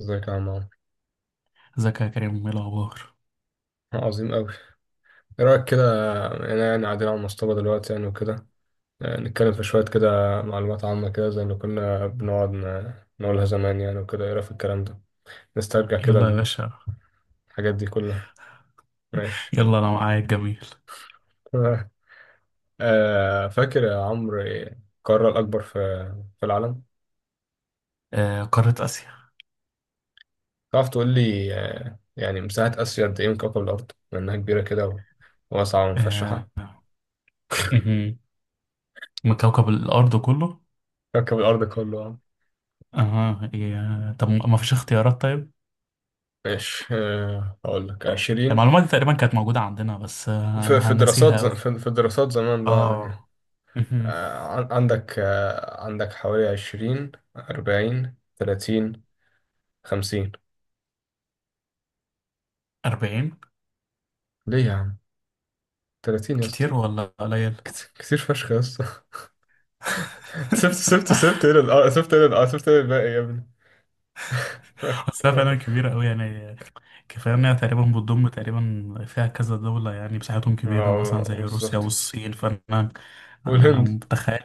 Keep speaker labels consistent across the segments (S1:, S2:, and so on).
S1: ازيك يا عم عمرو.
S2: ازيك يا كريم؟ ايه الاخبار؟
S1: آه، عظيم أوي. ايه رأيك كده؟ انا يعني قاعدين على المصطبة دلوقتي يعني وكده. نتكلم في شوية كده معلومات عامة كده زي اللي كنا بنقعد نقولها زمان يعني وكده. ايه رأيك في الكلام ده؟ نسترجع كده
S2: يلا يا باشا.
S1: الحاجات دي كلها. ماشي.
S2: يلا انا معاك، جميل.
S1: فاكر يا عمرو إيه القارة الأكبر في العالم؟
S2: آه، قارة اسيا.
S1: تعرف تقول لي يعني مساحة آسيا قد ايه من كوكب الأرض، لأنها كبيرة كده وواسعة ومفشحة؟
S2: آه، مهم. من كوكب الارض كله؟
S1: كوكب الأرض كله.
S2: اه، طب ما فيش اختيارات؟ طيب.
S1: ماشي، هقول لك عشرين.
S2: المعلومات دي تقريبا كانت موجودة عندنا، بس
S1: في
S2: انا
S1: في دراسات
S2: هنسيها
S1: ز...
S2: قوي.
S1: في في دراسات زمان بقى يعني.
S2: اه، مهم.
S1: عندك حوالي عشرين أربعين تلاتين خمسين.
S2: 40؟
S1: ليه يا عم؟ تلاتين يا اسطى.
S2: كتير ولا قليل؟
S1: كتير فشخ يا اسطى. سبت ايه الباقي يا ابني؟ ماشي،
S2: أصلها
S1: تمام.
S2: فعلا كبيرة أوي يعني. كفاية إنها تقريبا بتضم، تقريبا فيها كذا دولة يعني، مساحتهم كبيرة
S1: اه،
S2: مثلا زي روسيا
S1: بالظبط.
S2: والصين، فأنا. أنا
S1: والهند.
S2: متخيل.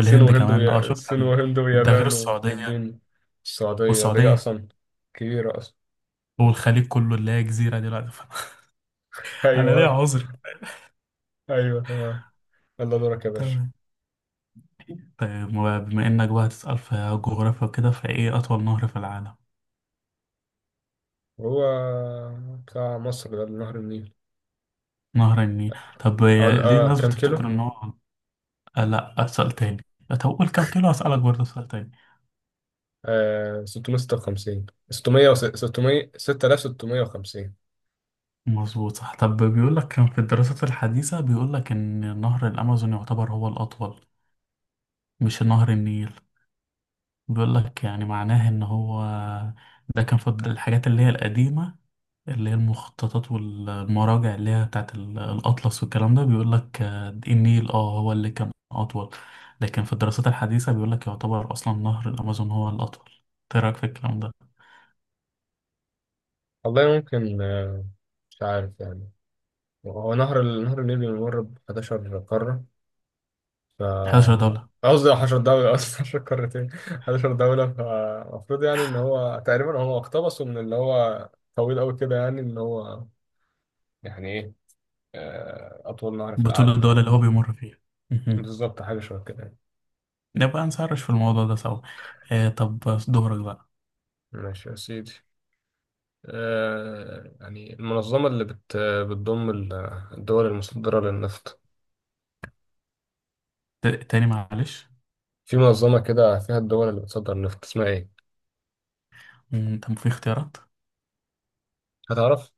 S2: كمان.
S1: الصين وهند
S2: ده غير
S1: ويابان
S2: السعودية.
S1: وفلبين. السعودية دي
S2: والسعودية.
S1: أصلا كبيرة أصلا.
S2: والخليج كله اللي هي جزيرة دلوقتي. أنا ليا
S1: أيوه.
S2: عذر.
S1: أيوه، تمام. يلا دورك يا باشا.
S2: تمام. طيب، بما إنك بقى هتسأل في جغرافيا وكده، فإيه أطول نهر في العالم؟
S1: هو بتاع مصر ده نهر النيل.
S2: نهر النيل، طب.
S1: أقول
S2: ليه الناس
S1: كام
S2: بتفتكر
S1: كيلو؟
S2: إن هو، لأ، أسأل تاني. طب قول كام كيلو، هسألك برضه سؤال تاني.
S1: 656 600 600 6650.
S2: مظبوط، صح. طب بيقول لك كان في الدراسات الحديثة بيقول لك إن نهر الأمازون يعتبر هو الأطول، مش نهر النيل. بيقول لك يعني معناه إن هو، ده كان في الحاجات اللي هي القديمة، اللي هي المخططات والمراجع اللي هي بتاعت الأطلس والكلام ده، بيقول لك النيل هو اللي كان أطول. لكن في الدراسات الحديثة بيقول لك يعتبر أصلا نهر الأمازون هو الأطول. إيه رأيك في الكلام ده؟
S1: والله ممكن، آه. مش عارف يعني. هو نهر نهر النيل بيمر ب 11 قارة ف
S2: 11 دولة.
S1: قصدي 10 دولة قصدي، 10 قارتين، 11 دولة، فالمفروض يعني إن هو تقريبا هو اقتبسه من اللي هو طويل أوي كده، يعني إن هو يعني إيه أطول نهر في
S2: بطول
S1: العالم
S2: الدول
S1: يعني.
S2: اللي هو بيمر فيها.
S1: بالظبط، حاجة شبه كده يعني.
S2: نبقى نسرش في الموضوع ده سوا. طب، دورك بقى.
S1: ماشي يا سيدي. يعني المنظمة اللي بتضم الدول المصدرة للنفط،
S2: تاني معلش.
S1: في منظمة كده فيها الدول اللي بتصدر النفط اسمها إيه؟
S2: طب، في اختيارات؟
S1: هتعرف؟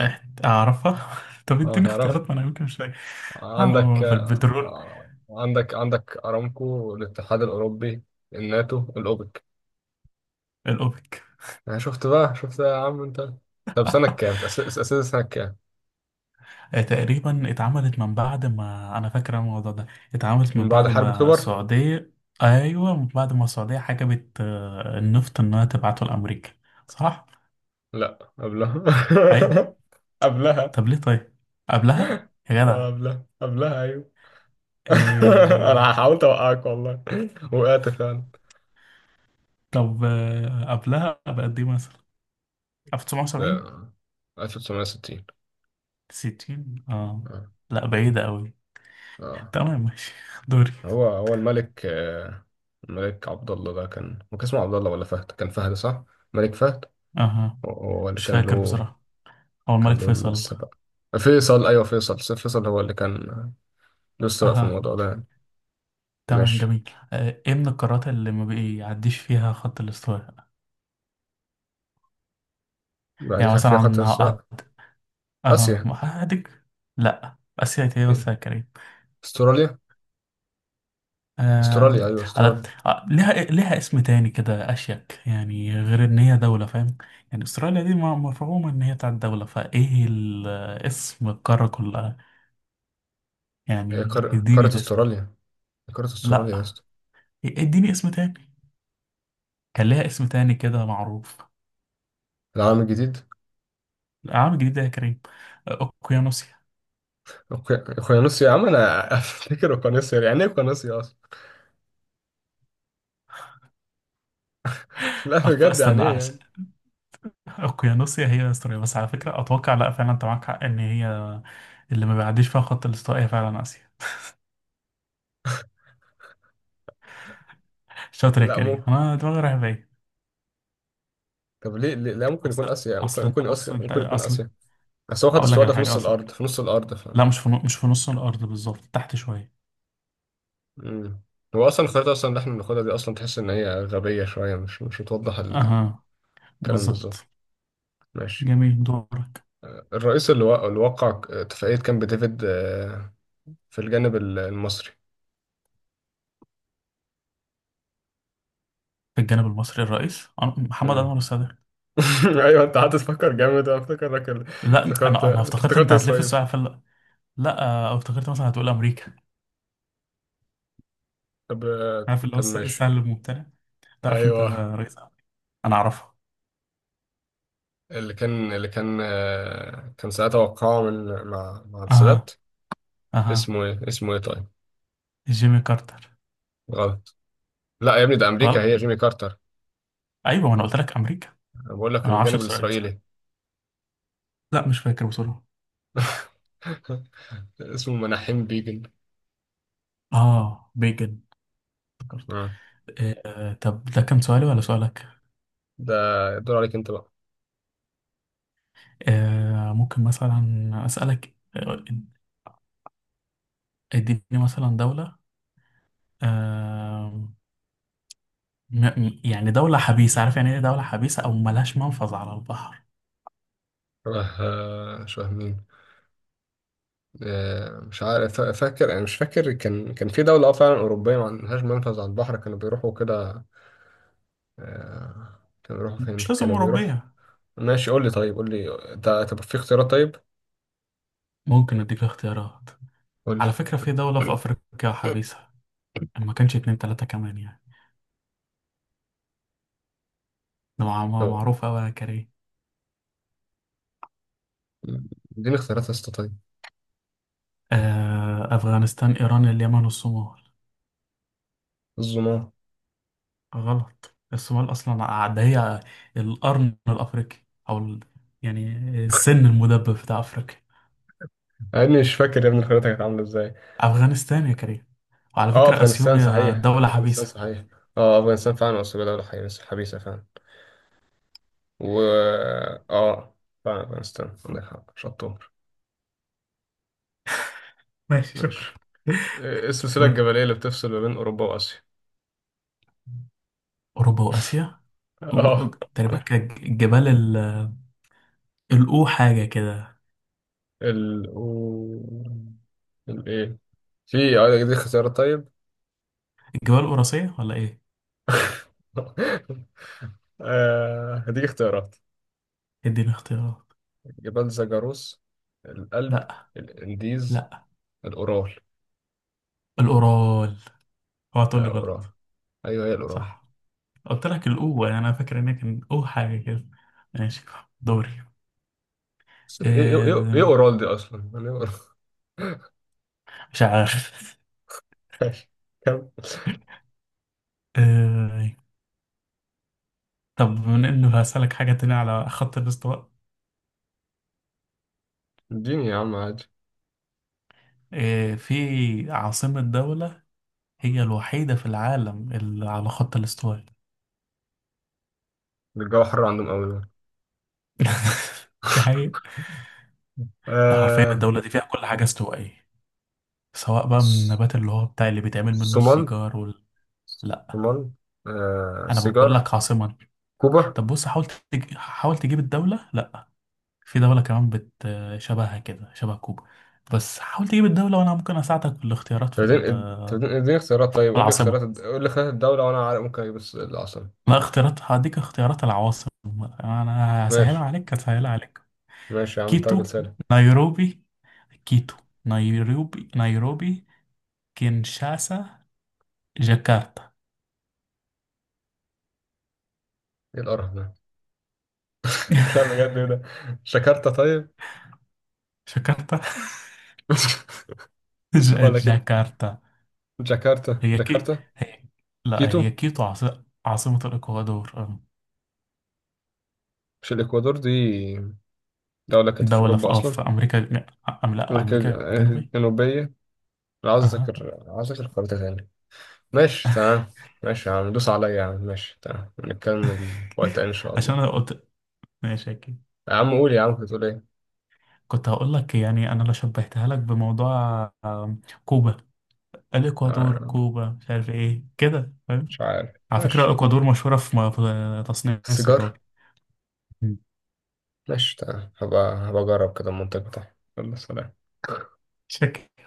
S2: أعرفها. طب اديني
S1: هتعرف.
S2: اختيارات، ما أنا يمكن مش فاكر.
S1: عندك
S2: في البترول.
S1: آه، عندك عندك أرامكو، الاتحاد الأوروبي، الناتو، الأوبك.
S2: الأوبك.
S1: يعني شفت بقى شفت يا عم أنت. طب سنة كام؟ تأسست سنة كام؟
S2: تقريبا اتعملت من بعد ما، أنا فاكر الموضوع ده، اتعملت
S1: من
S2: من
S1: بعد
S2: بعد
S1: حرب
S2: ما
S1: أكتوبر؟
S2: السعودية. أيوه، من بعد ما السعودية حجبت النفط إنها تبعته لأمريكا، صح؟
S1: لأ، قبلها.
S2: أيوه.
S1: قبلها.
S2: طب ليه طيب؟ قبلها يا جدع.
S1: قبلها، قبلها، أيوه.
S2: آه.
S1: أنا حاولت أوقعك والله. وقعت فعلا.
S2: طب قبلها بقد إيه مثلا؟ 1970؟
S1: لا. 1960.
S2: 60؟ اه.
S1: اه.
S2: لا، بعيدة قوي.
S1: اه.
S2: تمام، ماشي. دوري.
S1: هو الملك الملك عبد الله ده، كان هو كان اسمه عبد الله ولا فهد؟ كان فهد صح. ملك فهد.
S2: اها.
S1: هو اللي
S2: مش
S1: كان
S2: فاكر
S1: له.
S2: بصراحة. هو
S1: كان
S2: الملك
S1: له
S2: فيصل.
S1: السبق. فيصل، ايوه، فيصل هو اللي كان له السبق في
S2: اها.
S1: الموضوع ده يعني.
S2: تمام،
S1: ماشي.
S2: جميل. ايه من القارات اللي ما بيعديش فيها خط الاستواء؟
S1: بعد
S2: يعني
S1: كده
S2: مثلا،
S1: في خط
S2: عن هقعد.
S1: السبق.
S2: اها،
S1: اسيا.
S2: هادك. لا، اسيا ايه بس
S1: إيه؟
S2: يا كريم؟
S1: استراليا.
S2: آه،
S1: استراليا، ايوه، استراليا.
S2: ليها إيه، ليها اسم تاني كده اشيك يعني، غير ان هي دولة، فاهم؟ يعني استراليا دي مفهومة ان هي بتاعت دولة، فايه اسم القارة كلها؟
S1: هي
S2: يعني اديني
S1: قارة
S2: الاسم.
S1: استراليا. هي قارة استراليا يا
S2: لا،
S1: اسطى.
S2: اديني اسم تاني. كان ليها اسم تاني كده معروف.
S1: العالم الجديد.
S2: العام الجديد ده يا كريم؟ اوكيانوسيا.
S1: اوقيانوسيا يا عم انا. افتكر اوقيانوسيا، يعني ايه اوقيانوسيا اصلا؟ لا بجد، يعني
S2: استنى
S1: ايه
S2: عشان
S1: يعني.
S2: اوكيانوسيا هي استراليا بس، على فكرة اتوقع. لا، فعلا انت معاك حق ان هي اللي ما بيعديش فيها خط الاستواء هي فعلا اسيا. شاطر يا
S1: لا،
S2: كريم،
S1: ممكن.
S2: انا دماغي رايحة بعيد.
S1: طب ليه، لا ممكن يكون
S2: اصل
S1: اسيا؟ يعني ممكن
S2: اصل انت بص،
S1: اسيا،
S2: انت
S1: ممكن يكون
S2: اصل،
S1: اسيا. بس هو خد
S2: اقول لك
S1: استوادة
S2: على حاجة. اصل
S1: في نص الارض
S2: لا، مش في نص الارض بالظبط، تحت شوية.
S1: مم. هو اصلا الخريطة اصلا اللي احنا بناخدها دي اصلا، تحس ان هي غبية شوية، مش بتوضح الكلام.
S2: اها،
S1: بالظبط.
S2: بالظبط.
S1: ماشي.
S2: جميل، دورك.
S1: الرئيس اللي وقع اتفاقية كامب ديفيد في الجانب المصري.
S2: في الجانب المصري، الرئيس محمد
S1: مم.
S2: انور السادات.
S1: ايوه، انت قعدت تفكر جامد، انا
S2: لا،
S1: افتكرت
S2: انا
S1: أنت
S2: افتكرت
S1: افتكرت
S2: انت هتلف
S1: اسرائيل.
S2: السؤال في لا، افتكرت مثلا هتقول امريكا. عارف اللي هو
S1: طب ماشي.
S2: السهل الممتنع، تعرف انت
S1: ايوه.
S2: رئيس أمريكا. انا اعرفها.
S1: اللي كان كان ساعتها وقعه من مع مع السادات.
S2: اها. اها.
S1: اسمه ايه طيب؟
S2: جيمي كارتر.
S1: غلط. لا يا ابني، ده امريكا
S2: غلط.
S1: هي جيمي كارتر.
S2: ايوه، ما انا قلت لك امريكا.
S1: انا بقول لك
S2: انا ما اعرفش
S1: الجانب
S2: بسرعه بصراحه.
S1: الاسرائيلي.
S2: لا، مش فاكر بسرعه.
S1: اسمه مناحيم بيجن.
S2: اه، بيجن. افتكرت.
S1: آه.
S2: آه. طب ده كان سؤالي ولا سؤالك؟
S1: ده الدور عليك انت بقى.
S2: ممكن مثلا اسالك. اديني مثلا دوله، آه يعني دولة حبيسة، عارف يعني ايه دولة حبيسة، او ملهاش منفذ على البحر؟
S1: شبه مين؟ مش عارف. فا- فاكر انا مش فاكر، كان في دوله، اه فعلا اوروبيه، ما عندهاش منفذ على البحر، كانوا بيروحوا كده. كانوا بيروحوا فين
S2: مش لازم
S1: كانوا بيروحوا
S2: أوروبية.
S1: ماشي، قول لي طيب، قول لي. انت؟ طب في اختيارات طيب؟
S2: ممكن أديك اختيارات.
S1: قول
S2: على فكرة، في دولة في
S1: لي.
S2: أفريقيا حبيسة. ما كانش اتنين تلاتة كمان يعني، ده معروف أوي يا كريم.
S1: اديني اختيارات يا اسطى طيب.
S2: أفغانستان، إيران، اليمن، والصومال.
S1: الظلام.
S2: غلط. الصومال أصلا ده هي القرن الأفريقي، أو يعني السن المدبب بتاع أفريقيا.
S1: يا ابني مش فاكر، يا ابني الخريطه كانت عامله ازاي.
S2: أفغانستان يا كريم، وعلى
S1: اه،
S2: فكرة
S1: افغانستان
S2: أثيوبيا
S1: صحيح،
S2: دولة
S1: افغانستان
S2: حبيسة.
S1: صحيح. اه، افغانستان فعلا، اصل دوله حبيسه، حبيسه فعلا. و اه، فعلا افغانستان، عندك حق شطور.
S2: ماشي، شكرا.
S1: ماشي. ايه السلسله
S2: دورك.
S1: الجبليه اللي بتفصل ما بين اوروبا واسيا؟
S2: أوروبا وآسيا و- و-
S1: اه.
S2: تقريبا كان الجبال الأو حاجة كده.
S1: ال و... ال ايه؟ في دي اختيارات طيب؟
S2: جبال قراصية ولا ايه؟
S1: هديك اختيارات.
S2: اديني اختيارات.
S1: جبال زاجاروس، الألب،
S2: لا.
S1: الإنديز،
S2: لا.
S1: الأورال.
S2: الأورال، اوعى تقول لي
S1: قرعة.
S2: غلط.
S1: أيوه، هي القرعة.
S2: صح. قلت لك الأو يعني، انا فاكر ان هي كان أو حاجة كده. ماشي، دوري.
S1: بس إيه
S2: إيه؟
S1: قرال دي أصلا؟ يعني إيه قرال؟
S2: مش عارف.
S1: ماشي. كم.
S2: إيه؟ طب بما انه هسألك حاجة تانية على خط الاستواء.
S1: اديني يا عم عادي.
S2: إيه، في عاصمة دولة هي الوحيدة في العالم اللي على خط الاستواء.
S1: ده الجو حر عندهم أوي ده.
S2: دي حقيقة. ده حرفيا
S1: آه.
S2: الدولة دي فيها كل حاجة استوائية، سواء بقى من
S1: س-
S2: النبات اللي هو بتاع اللي بيتعمل منه
S1: صومال.
S2: السيجار لا،
S1: صومال.
S2: انا بقول
S1: سيجار.
S2: لك عاصمة.
S1: كوبا.
S2: طب بص، حاول حاول تجيب الدولة، لا. في دولة كمان شبهها كده، شبه كوبا. بس حاول تجيب الدولة، وانا ممكن اساعدك بالاختيارات في
S1: اديني اديني اختيارات
S2: في
S1: طيب، قول لي
S2: العاصمة.
S1: خيارات الدولة وأنا عارف ممكن أجيب العاصمة.
S2: لا، اختيارات هديك اختيارات العواصم. انا هسهلها
S1: ماشي.
S2: عليك، هسهلها عليك.
S1: ماشي يا عم انت راجل
S2: كيتو،
S1: سالك.
S2: نيروبي، كيتو، نيروبي، نيروبي، كينشاسا، جاكرتا.
S1: إيه القرف ده؟ لا بجد، إيه ده؟ جاكرتا طيب؟
S2: جاكرتا.
S1: ولكن
S2: جاكرتا.
S1: جاكرتا،
S2: هي كي،
S1: جاكرتا.
S2: هي، لا هي
S1: كيتو.
S2: كيتو عاصمة الإكوادور.
S1: مش الإكوادور دي؟ دولة كانت في
S2: دولة
S1: أوروبا
S2: في أه
S1: أصلا.
S2: في أمريكا. لا،
S1: أمريكا
S2: أمريكا الجنوبية.
S1: الجنوبية. لا، عاوز
S2: أها.
S1: أذاكر، عاوز أذاكر خريطة تاني. ماشي تمام. ماشي يا عم دوس عليا يا عم، ماشي تمام، نكمل وقت تاني إن شاء
S2: عشان
S1: الله.
S2: أنا قلت، ماشي، أكيد.
S1: يا عم قول، يا عم كنت بتقول إيه؟
S2: كنت هقول لك يعني، أنا لو شبهتها لك بموضوع كوبا، الإكوادور،
S1: آه،
S2: كوبا، مش عارف إيه كده، فاهم؟
S1: مش عارف
S2: على فكرة
S1: ماشي.
S2: الإكوادور مشهورة في تصنيع
S1: السيجار.
S2: السيجار.
S1: ماشي تمام، هبقى أجرب كده المنطق بتاعي. يلا سلام.
S2: شكل.